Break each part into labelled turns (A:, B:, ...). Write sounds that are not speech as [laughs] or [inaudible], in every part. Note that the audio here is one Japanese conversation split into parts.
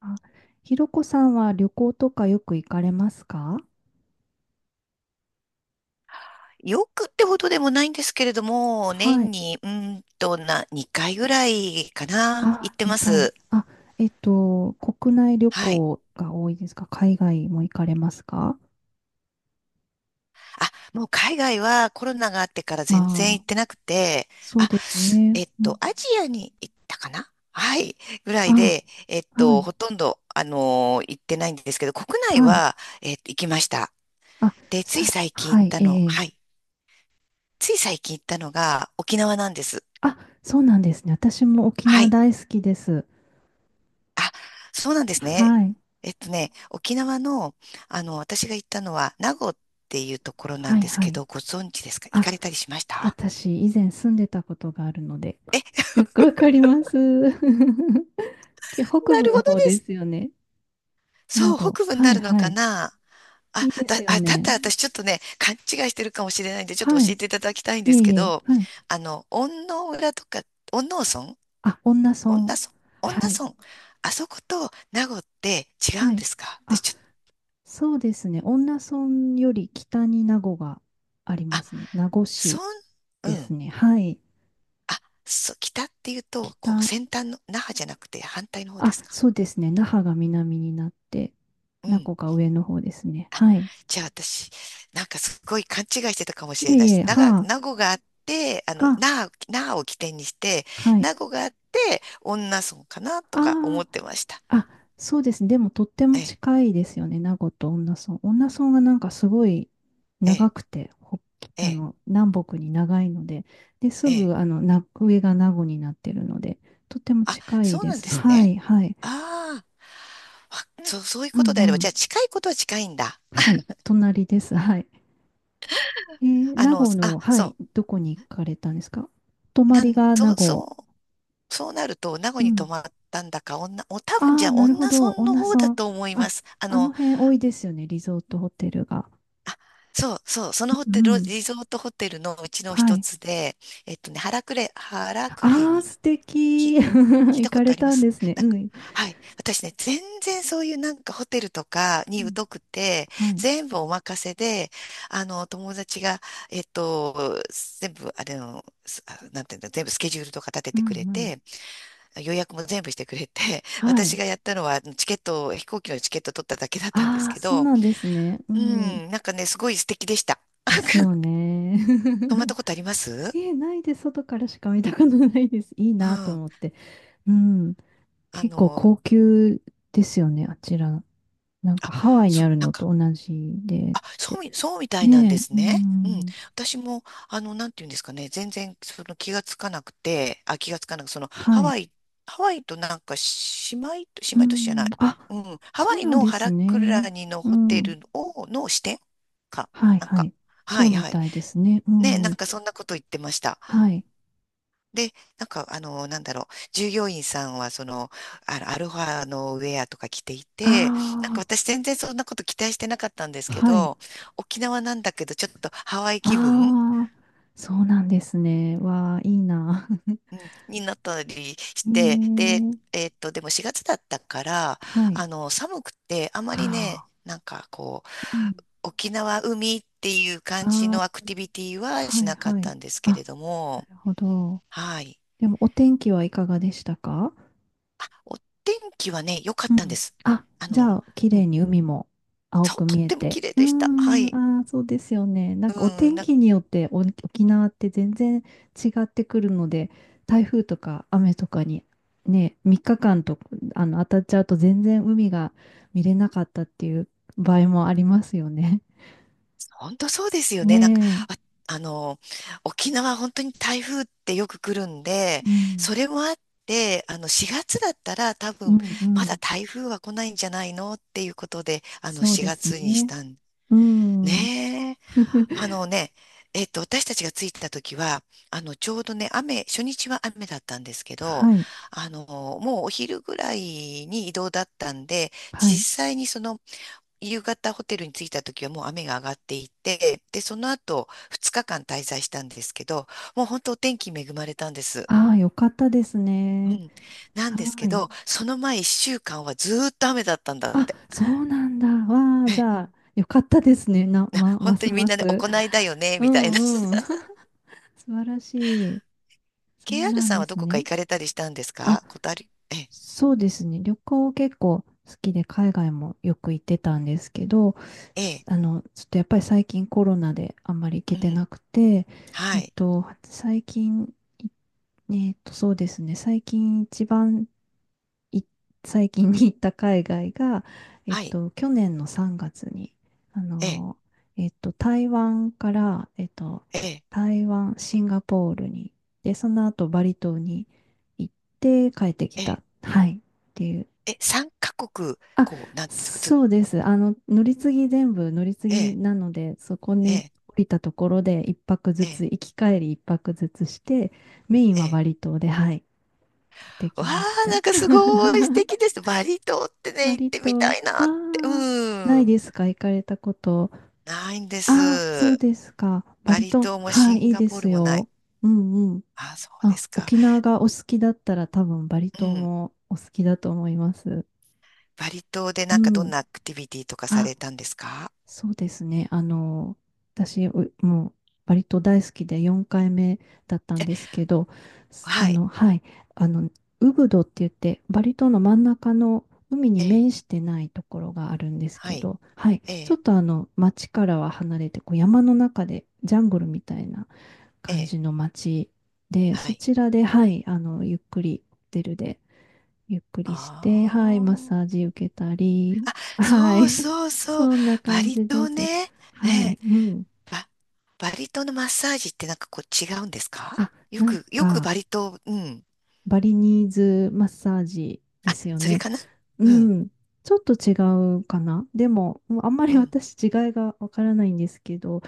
A: あ、ひろこさんは旅行とかよく行かれますか？
B: よくってほどでもないんですけれども、
A: は
B: 年
A: い。
B: に、うーんとな、2回ぐらいかな、行
A: あ、
B: ってま
A: 2回。
B: す。
A: 国内旅
B: はい。
A: 行が多いですか？海外も行かれますか？
B: もう海外はコロナがあってから
A: あ
B: 全然行
A: あ、
B: ってなくて、
A: そう
B: あ、
A: ですね。うん。
B: アジアに行ったかな。はい。ぐらい
A: あ、
B: で、
A: はい。
B: ほとんど、行ってないんですけど、国内
A: はい。
B: は、行きました。
A: あ、
B: で、つい
A: さ、
B: 最近行
A: は
B: っ
A: い、
B: た
A: え
B: の、は
A: え。
B: い。つい最近行ったのが沖縄なんです。
A: あ、そうなんですね。私も沖
B: は
A: 縄
B: い。
A: 大好きです。
B: あ、そうなんですね。
A: はい。
B: 沖縄の、私が行ったのは、名護っていうところな
A: は
B: ん
A: い、
B: です
A: は
B: け
A: い。
B: ど、ご存知ですか？行
A: あ、
B: かれたりしました？
A: 私、以前住んでたことがあるので、
B: え、
A: よくわかります。[laughs] け北
B: な
A: 部
B: るほ
A: の
B: ど
A: 方
B: で
A: で
B: す。
A: すよね。名
B: そう、
A: 護。
B: 北部に
A: は
B: な
A: い
B: るの
A: は
B: か
A: い。
B: な。
A: いいですよ
B: だっ
A: ね。
B: たら私ちょっとね、勘違いしてるかもしれないんで、ちょっと
A: は
B: 教え
A: い。
B: ていただきたいん
A: い
B: で
A: え
B: す
A: い
B: け
A: え。
B: ど、
A: はい。
B: 恩納村とか、恩納村
A: あ、恩納
B: 恩納
A: 村。
B: 村恩
A: は
B: 納
A: い。
B: 村あそこと名護って違う
A: は
B: ん
A: い。
B: ですか？私
A: あ、
B: ちょっと、
A: そうですね。恩納村より北に名護がありま
B: あ、
A: すね。名護市
B: 村、う
A: です
B: ん。
A: ね。はい。
B: あ、そう、北っていうと、
A: 北。
B: こう、先端の、那覇じゃなくて反対の方で
A: あ、
B: すか。
A: そうですね。那覇が南になって、
B: う
A: 名
B: ん。
A: 護が上の方ですね。はい。
B: じゃあ私、なんかすごい勘違いしてたかもし
A: い
B: れ
A: え
B: ない
A: い
B: し、
A: え。は
B: 名護があって、
A: あ。あ、
B: 那覇を起点にして、
A: はい。
B: 名護があって、女村かなとか思
A: あ
B: ってました。
A: あ。あ、そうですね。でもとって
B: え
A: も
B: え、
A: 近いですよね。名護と恩納村。恩納村がなんかすごい
B: え
A: 長
B: え、
A: くて、ほ
B: ええ、
A: 南北に長いので、で、
B: え
A: す
B: え。
A: ぐ、な、上が名護になってるので、とっても
B: あ、
A: 近い
B: そう
A: で
B: なん
A: す。
B: で
A: うん、
B: す
A: は
B: ね。
A: い、はい。
B: ああ、そう、そういう
A: うん
B: ことであ
A: う
B: れば、じ
A: ん。
B: ゃあ近いことは近いんだ。
A: はい、隣です。はい。
B: あ
A: 名
B: の、
A: 護の、
B: あ、
A: はい、
B: そ
A: どこに行かれたんですか？泊
B: う、
A: ま
B: な
A: り
B: ん、
A: が名
B: そう、そ
A: 護。
B: うそうなると、名護
A: う
B: に泊
A: ん。
B: まったんだか、多
A: あ
B: 分じゃ
A: あ、
B: あ、
A: なるほ
B: 女
A: ど。
B: 村
A: 恩
B: の
A: 納
B: 方だ
A: 村。
B: と思いま
A: あ、
B: す。
A: あの辺多いですよね。リゾートホテルが。
B: そのホ
A: う
B: テ
A: ん
B: ル、
A: うん。
B: リゾートホテルのうちの
A: は
B: 一
A: い。
B: つで、原クレ
A: ああ、
B: に、
A: 素
B: き、
A: 敵。[laughs]
B: 聞い
A: 行
B: たこ
A: か
B: と
A: れ
B: ありま
A: たん
B: す？
A: ですね。
B: な
A: う
B: んか、
A: ん。
B: はい。私ね、全然そういうなんかホテルとか
A: う
B: に
A: ん。
B: 疎くて、
A: はい。
B: 全部お任せで、友達が、えっと、全部、あれの、すあ、なんていうんだ、全部スケジュールとか立て
A: う
B: てくれ
A: んうん。
B: て、予約も全部してくれて、[laughs]
A: は
B: 私
A: い。
B: がやったのはチケットを、飛行機のチケット取っただけだったんです
A: ああ、
B: け
A: そう
B: ど、
A: なんですね。う
B: う
A: ん。
B: ん、なんかね、すごい素敵でした。
A: ですよ
B: [laughs]
A: ね。
B: 泊まった
A: [laughs]
B: ことあります？
A: え、ないで外からしか見たことないです。いい
B: う
A: なと
B: ん。
A: 思って。うん。
B: あ
A: 結構
B: の、
A: 高級ですよね、あちら。なん
B: あ、
A: かハワイに
B: そう、
A: ある
B: なん
A: の
B: か、
A: と同じでっ
B: あ、そう
A: て。
B: み、そうみたいなん
A: ね
B: です
A: え、う
B: ね。うん。
A: ん。
B: 私も、なんていうんですかね、全然、その気がつかなくて、あ、気がつかなく、その、ハ
A: はい。
B: ワイ、ハワイとなんか、姉
A: う
B: 妹都市じゃな
A: ん。
B: い。
A: あ、
B: うん。ハ
A: そ
B: ワ
A: う
B: イ
A: なん
B: の
A: で
B: ハ
A: す
B: ラク
A: ね。
B: ラニの
A: う
B: ホテ
A: ん。
B: ルを、の支店か。
A: はい
B: なん
A: は
B: か、
A: い。
B: は
A: そう
B: い、
A: み
B: はい。
A: たいですね。う
B: ね、なん
A: ん。
B: かそんなこと言ってました。
A: はい。
B: で、なんか、なんだろう、従業員さんは、その、アルファのウェアとか着てい
A: あ
B: て、なんか私全然そんなこと期待してなかったんです
A: あ、
B: け
A: はい。
B: ど、沖縄なんだけど、ちょっとハワイ
A: あ
B: 気分、
A: あ、そうなんですね。わあ、いいな。
B: うん、になったりし
A: [laughs] え
B: て、で、
A: ー、
B: でも4月だったから、
A: はい。
B: 寒くて、あまりね、
A: ああ、
B: なんかこう、
A: うん。
B: 沖縄海っていう感じ
A: あ
B: のアクティビティ
A: あ、
B: はし
A: はい
B: なかっ
A: はい。
B: たんですけ
A: あ、
B: れど
A: な
B: も、
A: るほど。
B: はい。
A: でも、お天気はいかがでしたか？
B: お天気はね、良かっ
A: う
B: たんで
A: ん。
B: す。
A: あ、
B: あ
A: じゃ
B: の、
A: あ、綺
B: う
A: 麗
B: ん
A: に海も青く
B: とっ
A: 見え
B: ても
A: て。
B: 綺麗
A: うー
B: でした。は
A: ん、
B: い。
A: ああ、そうですよね。なん
B: う
A: かお
B: ん、
A: 天
B: なんか、
A: 気によってお沖縄って全然違ってくるので、台風とか雨とかにね、3日間と当たっちゃうと全然海が見れなかったっていう場合もありますよね。[laughs]
B: 本当そうですよね。なんか、
A: ね
B: あ、あの、沖縄本当に台風ってよく来るんで、
A: え。うん、
B: それもあって、4月だったら多
A: う
B: 分、
A: ん、う
B: まだ
A: ん。
B: 台風は来ないんじゃないのっていうことで、
A: そうで
B: 4
A: す
B: 月にし
A: ね。
B: たん。
A: うん。
B: ねえ。あ
A: [laughs]
B: のね、私たちが着いた時は、ちょうどね、雨、初日は雨だったんですけど、
A: はい、
B: もうお昼ぐらいに移動だったんで、
A: は
B: 実
A: い。
B: 際にその夕方ホテルに着いた時はもう雨が上がっていて、で、その後2日間滞在したんですけど、もう本当お天気恵まれたんです。
A: ああ、よかったです
B: う
A: ね。
B: ん。なんです
A: は
B: け
A: い。
B: ど、その前1週間はずーっと雨だったんだっ
A: あ、
B: て。
A: そうなんだ。わあ、じゃ
B: え、
A: あ、よかったですね。な、ま、ま
B: 本当
A: す
B: にみ
A: ま
B: んなで
A: す。
B: 行いだよね、
A: う
B: みたいな。
A: んうん。
B: [laughs]
A: [laughs] 素晴らしい。そう
B: KR
A: なん
B: さん
A: で
B: はど
A: す
B: こか
A: ね。
B: 行かれたりしたんです
A: あ、
B: か？ことある？え、
A: そうですね。旅行結構好きで、海外もよく行ってたんですけど、
B: え
A: す
B: え、
A: ちょっとやっぱり最近コロナであんまり行け
B: う
A: て
B: ん。
A: なくて、
B: は
A: えっ
B: い。
A: と、最近、いそうですね。最近一番い最近に行った海外が、
B: はい。
A: 去年の3月に、あ
B: ええ、
A: の、台湾から、
B: ええ、
A: 台湾、シンガポールに、で、その後バリ島に行って帰ってき
B: ええ、
A: た。はい。っていう。
B: え、3カ国、
A: あ、
B: こう、なんですか、ず、
A: そうです。あの、乗り継ぎ全部乗り継
B: え
A: ぎ
B: え、
A: なので、そこ
B: え
A: に
B: え、
A: 降りたところで一泊ず
B: え
A: つ、
B: え、
A: 行き帰り一泊ずつして、メイン
B: え
A: は
B: え。
A: バリ島で、はい、行って
B: わ
A: き
B: あ、
A: ました。
B: なんかすごい素
A: [laughs]
B: 敵です。バリ島ってね、行っ
A: 割
B: てみ
A: と、あ
B: たいなって。う
A: あ、ない
B: ん。
A: ですか、行かれたこと。
B: ないんで
A: ああ、そう
B: す。
A: ですか。
B: バ
A: 割
B: リ
A: と、
B: 島もシ
A: はい、
B: ン
A: いい
B: ガ
A: で
B: ポー
A: す
B: ルもない。
A: よ。うんうん。
B: あ、そうで
A: あ、
B: すか。
A: 沖縄がお好きだったら多分バリ
B: う
A: 島
B: ん。
A: もお好きだと思います。
B: バリ島で
A: う
B: なんかどん
A: ん。
B: なアクティビティとかさ
A: あ、
B: れたんですか？
A: そうですね。あの、私、うもう、割と大好きで4回目だったんですけど、す
B: はい。
A: はい、あの、ウブドって言って、バリ島の真ん中の海に
B: ええ。
A: 面してないところがあるんです
B: は
A: け
B: い。
A: ど、はい、
B: え
A: ちょっ
B: え。
A: とあの、町からは離れて、こう山の中で、ジャングルみたいな
B: え
A: 感
B: え。
A: じの町で、
B: は
A: そ
B: い。
A: ちらで、はい、あの、ゆっくりホテルでゆっくりし
B: あ
A: て、はい、マッサー
B: あ。
A: ジ受けたり、は
B: そう
A: い、
B: そう
A: [laughs]
B: そう。
A: そんな
B: バ
A: 感
B: リ
A: じで
B: 島
A: す。
B: ね。え
A: はい、
B: え。
A: うん。
B: バ、バリ島のマッサージってなんかこう違うんですか？
A: あ、
B: よ
A: なん
B: く、よく
A: か、
B: バリ島、うん。
A: バリニーズマッサージですよ
B: それ
A: ね。
B: かな？
A: う
B: うん
A: ん、ちょっと違うかな。でも、もうあんまり
B: うん。
A: 私違いがわからないんですけど、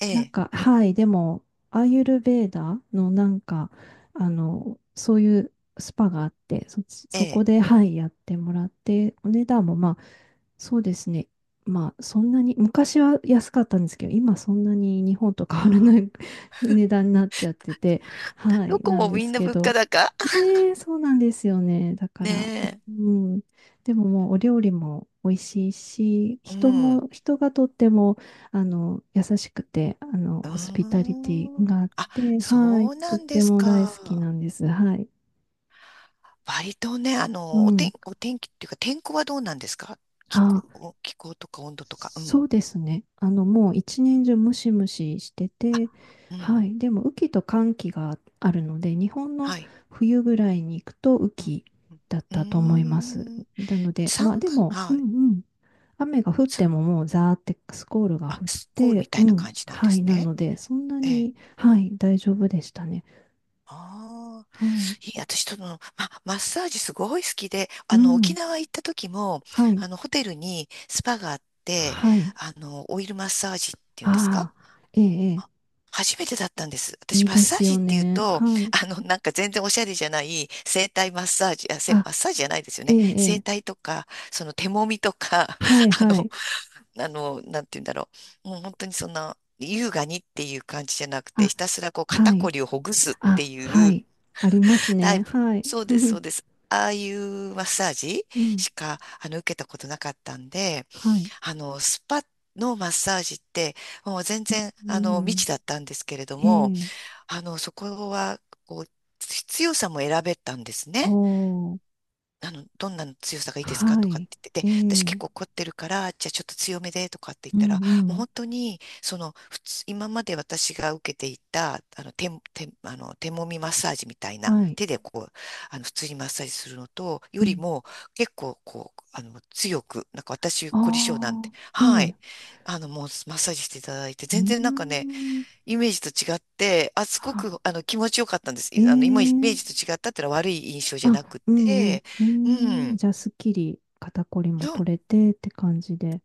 B: え
A: なん
B: え、
A: か、はい、でも、アーユルヴェーダのなんか、あの、そういうスパがあって、そっち、
B: え
A: そこ
B: え。
A: で、はい、やってもらって、お値段もまあ、そうですね。まあ、そんなに、昔は安かったんですけど、今そんなに日本と変わら
B: ああ、
A: ない [laughs] 値段になっちゃってて、は
B: ど
A: い、
B: こ
A: なん
B: も
A: で
B: みん
A: す
B: な
A: け
B: 物価
A: ど、
B: 高。
A: ええ、そうなんですよね。だ
B: [laughs]
A: から、
B: ね
A: うん。でももうお料理も美味しいし、
B: え。う
A: 人
B: ん。
A: も、人がとっても、あの、優しくて、あの、
B: う
A: ホスピ
B: ー
A: タリティ
B: ん。
A: があっ
B: あ、
A: て、はい、
B: そう
A: と
B: な
A: っ
B: んで
A: て
B: す
A: も大好き
B: か。
A: なんです。はい。
B: 割とね、
A: う
B: お天、
A: ん。
B: お天気っていうか、天候はどうなんですか？気候、
A: あ、
B: お気候とか温度とか。う
A: そ
B: ん。
A: うですね。あの、もう一年中ムシムシして
B: あ、
A: て、
B: う
A: は
B: ん。
A: い。でも、雨季と乾季があるので、日本の
B: はい。
A: 冬ぐらいに行くと雨
B: うん。
A: 季
B: うん。
A: だっ
B: う
A: たと思います。
B: ーん。
A: なので、まあ
B: 三
A: で
B: 月、
A: も、う
B: は
A: ん
B: い。
A: うん。雨が降って
B: さ、
A: ももうザーってスコールが
B: あ、
A: 降っ
B: スコールみ
A: て、
B: た
A: う
B: いな感
A: ん。
B: じなんで
A: は
B: す
A: い。な
B: ね。
A: ので、そんな
B: ええ。
A: に、はい、大丈夫でしたね。
B: ああ。
A: はい。
B: いい、私、マッサージすごい好きで、
A: う
B: 沖
A: ん。
B: 縄行った時も、
A: はい。
B: ホテルにスパがあって、
A: はい。
B: オイルマッサージっていうんですか？
A: ああ、ええ、ええ、
B: 初めてだったんです。私、
A: いい
B: マッ
A: で
B: サ
A: す
B: ージ
A: よ
B: っていう
A: ね。
B: と、
A: はい。
B: なんか全然おしゃれじゃない、整体マッサージ、あ、せ、
A: あ、
B: マッサージじゃないですよ
A: え
B: ね。
A: え、
B: 整
A: ええ、
B: 体とか、その手揉みとか、
A: はい、
B: [laughs] あ
A: は
B: の、
A: い。
B: あの、なんて言うんだろう。もう本当にそんな、優雅にっていう感じじゃなくて、
A: あ、
B: ひたすらこう肩
A: は
B: こ
A: い。
B: りをほぐすって
A: あ、
B: い
A: は
B: う、
A: い。あります
B: タイ
A: ね。
B: プ。
A: はい。
B: そう
A: [laughs]
B: で
A: ふ
B: す、そ
A: ふ、
B: うです。ああいうマッサージ
A: うん。
B: しか、受けたことなかったんで、
A: はい。
B: スパのマッサージって、もう全然、
A: う
B: 未
A: ん。
B: 知だったんですけれど
A: え
B: も、
A: え。
B: そこは、こう、必要さも選べたんです
A: お
B: ね。
A: ー。
B: どんなの強さがいいですか
A: は
B: とかっ
A: い。
B: て言って
A: え
B: て、私結
A: え。
B: 構凝ってるから、じゃあちょっと強めでとかって言っ
A: う
B: たら、
A: んう
B: もう
A: ん。
B: 本当に、その、普通、今まで私が受けていた、あの、手、手、あの、手もみマッサージみたいな、
A: はい。
B: 手でこう、普通にマッサージするのと、
A: う
B: より
A: ん。
B: も、結構こう、強く、なんか私、凝り性なん
A: あ
B: て、
A: あ。え
B: は
A: え。
B: い、もうマッサージしていただいて、
A: う
B: 全然なんか
A: ー
B: ね、
A: ん。
B: イメージと違って、あ、すごく、
A: は。
B: 気持ちよかったんです。
A: え
B: いあの、今、イメー
A: え。
B: ジと違ったっていうのは悪い印象じゃ
A: あ、
B: なく
A: うんうん。
B: て、う
A: ええ。
B: ん。
A: じゃあ、すっきり肩こり
B: う
A: も
B: ん。
A: 取れてって感じで。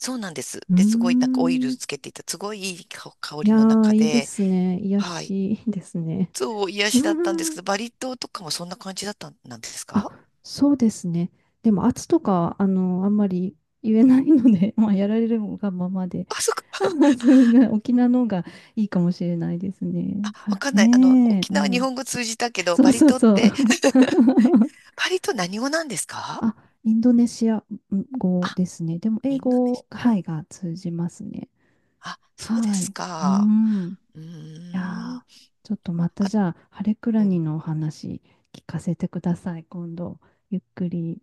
B: そうなんです。
A: うー
B: で、すごい、なんかオイル
A: ん。
B: つけていた、すごいいい香
A: い
B: り
A: や
B: の
A: ー、
B: 中
A: いいで
B: で、
A: すね。癒や
B: はい。
A: し、いいですね。
B: そう、癒
A: [laughs] う
B: しだったんです
A: ー
B: け
A: ん、
B: ど、バリ島とかもそんな感じだったん、なんですか？
A: あ、そうですね。でも圧とかは、あの、あんまり言えないので、[laughs] まあ、やられるがままで、
B: あ、そっ
A: [laughs]
B: か、
A: あ、まあ、そんな、沖縄の方がいいかもしれないですね。
B: わ
A: は、
B: かんない。
A: ねえ、
B: 沖
A: う
B: 縄日
A: ん。
B: 本語通じたけど、
A: そ
B: バ
A: う
B: リ
A: そう
B: 島っ
A: そう。
B: て、
A: [laughs]
B: バリ島何語なんですか？
A: あ、インドネシア
B: あ、
A: 語ですね。でも、英
B: インドネシ
A: 語、はい、が通じますね。
B: ア。あ、そうで
A: は
B: す
A: い。う
B: か。
A: ん。い
B: うーん。
A: やー、ちょっとまた
B: あ、
A: じゃあ、ハレクラ
B: う
A: ニ
B: ん
A: のお話聞かせてください、今度。ゆっくり。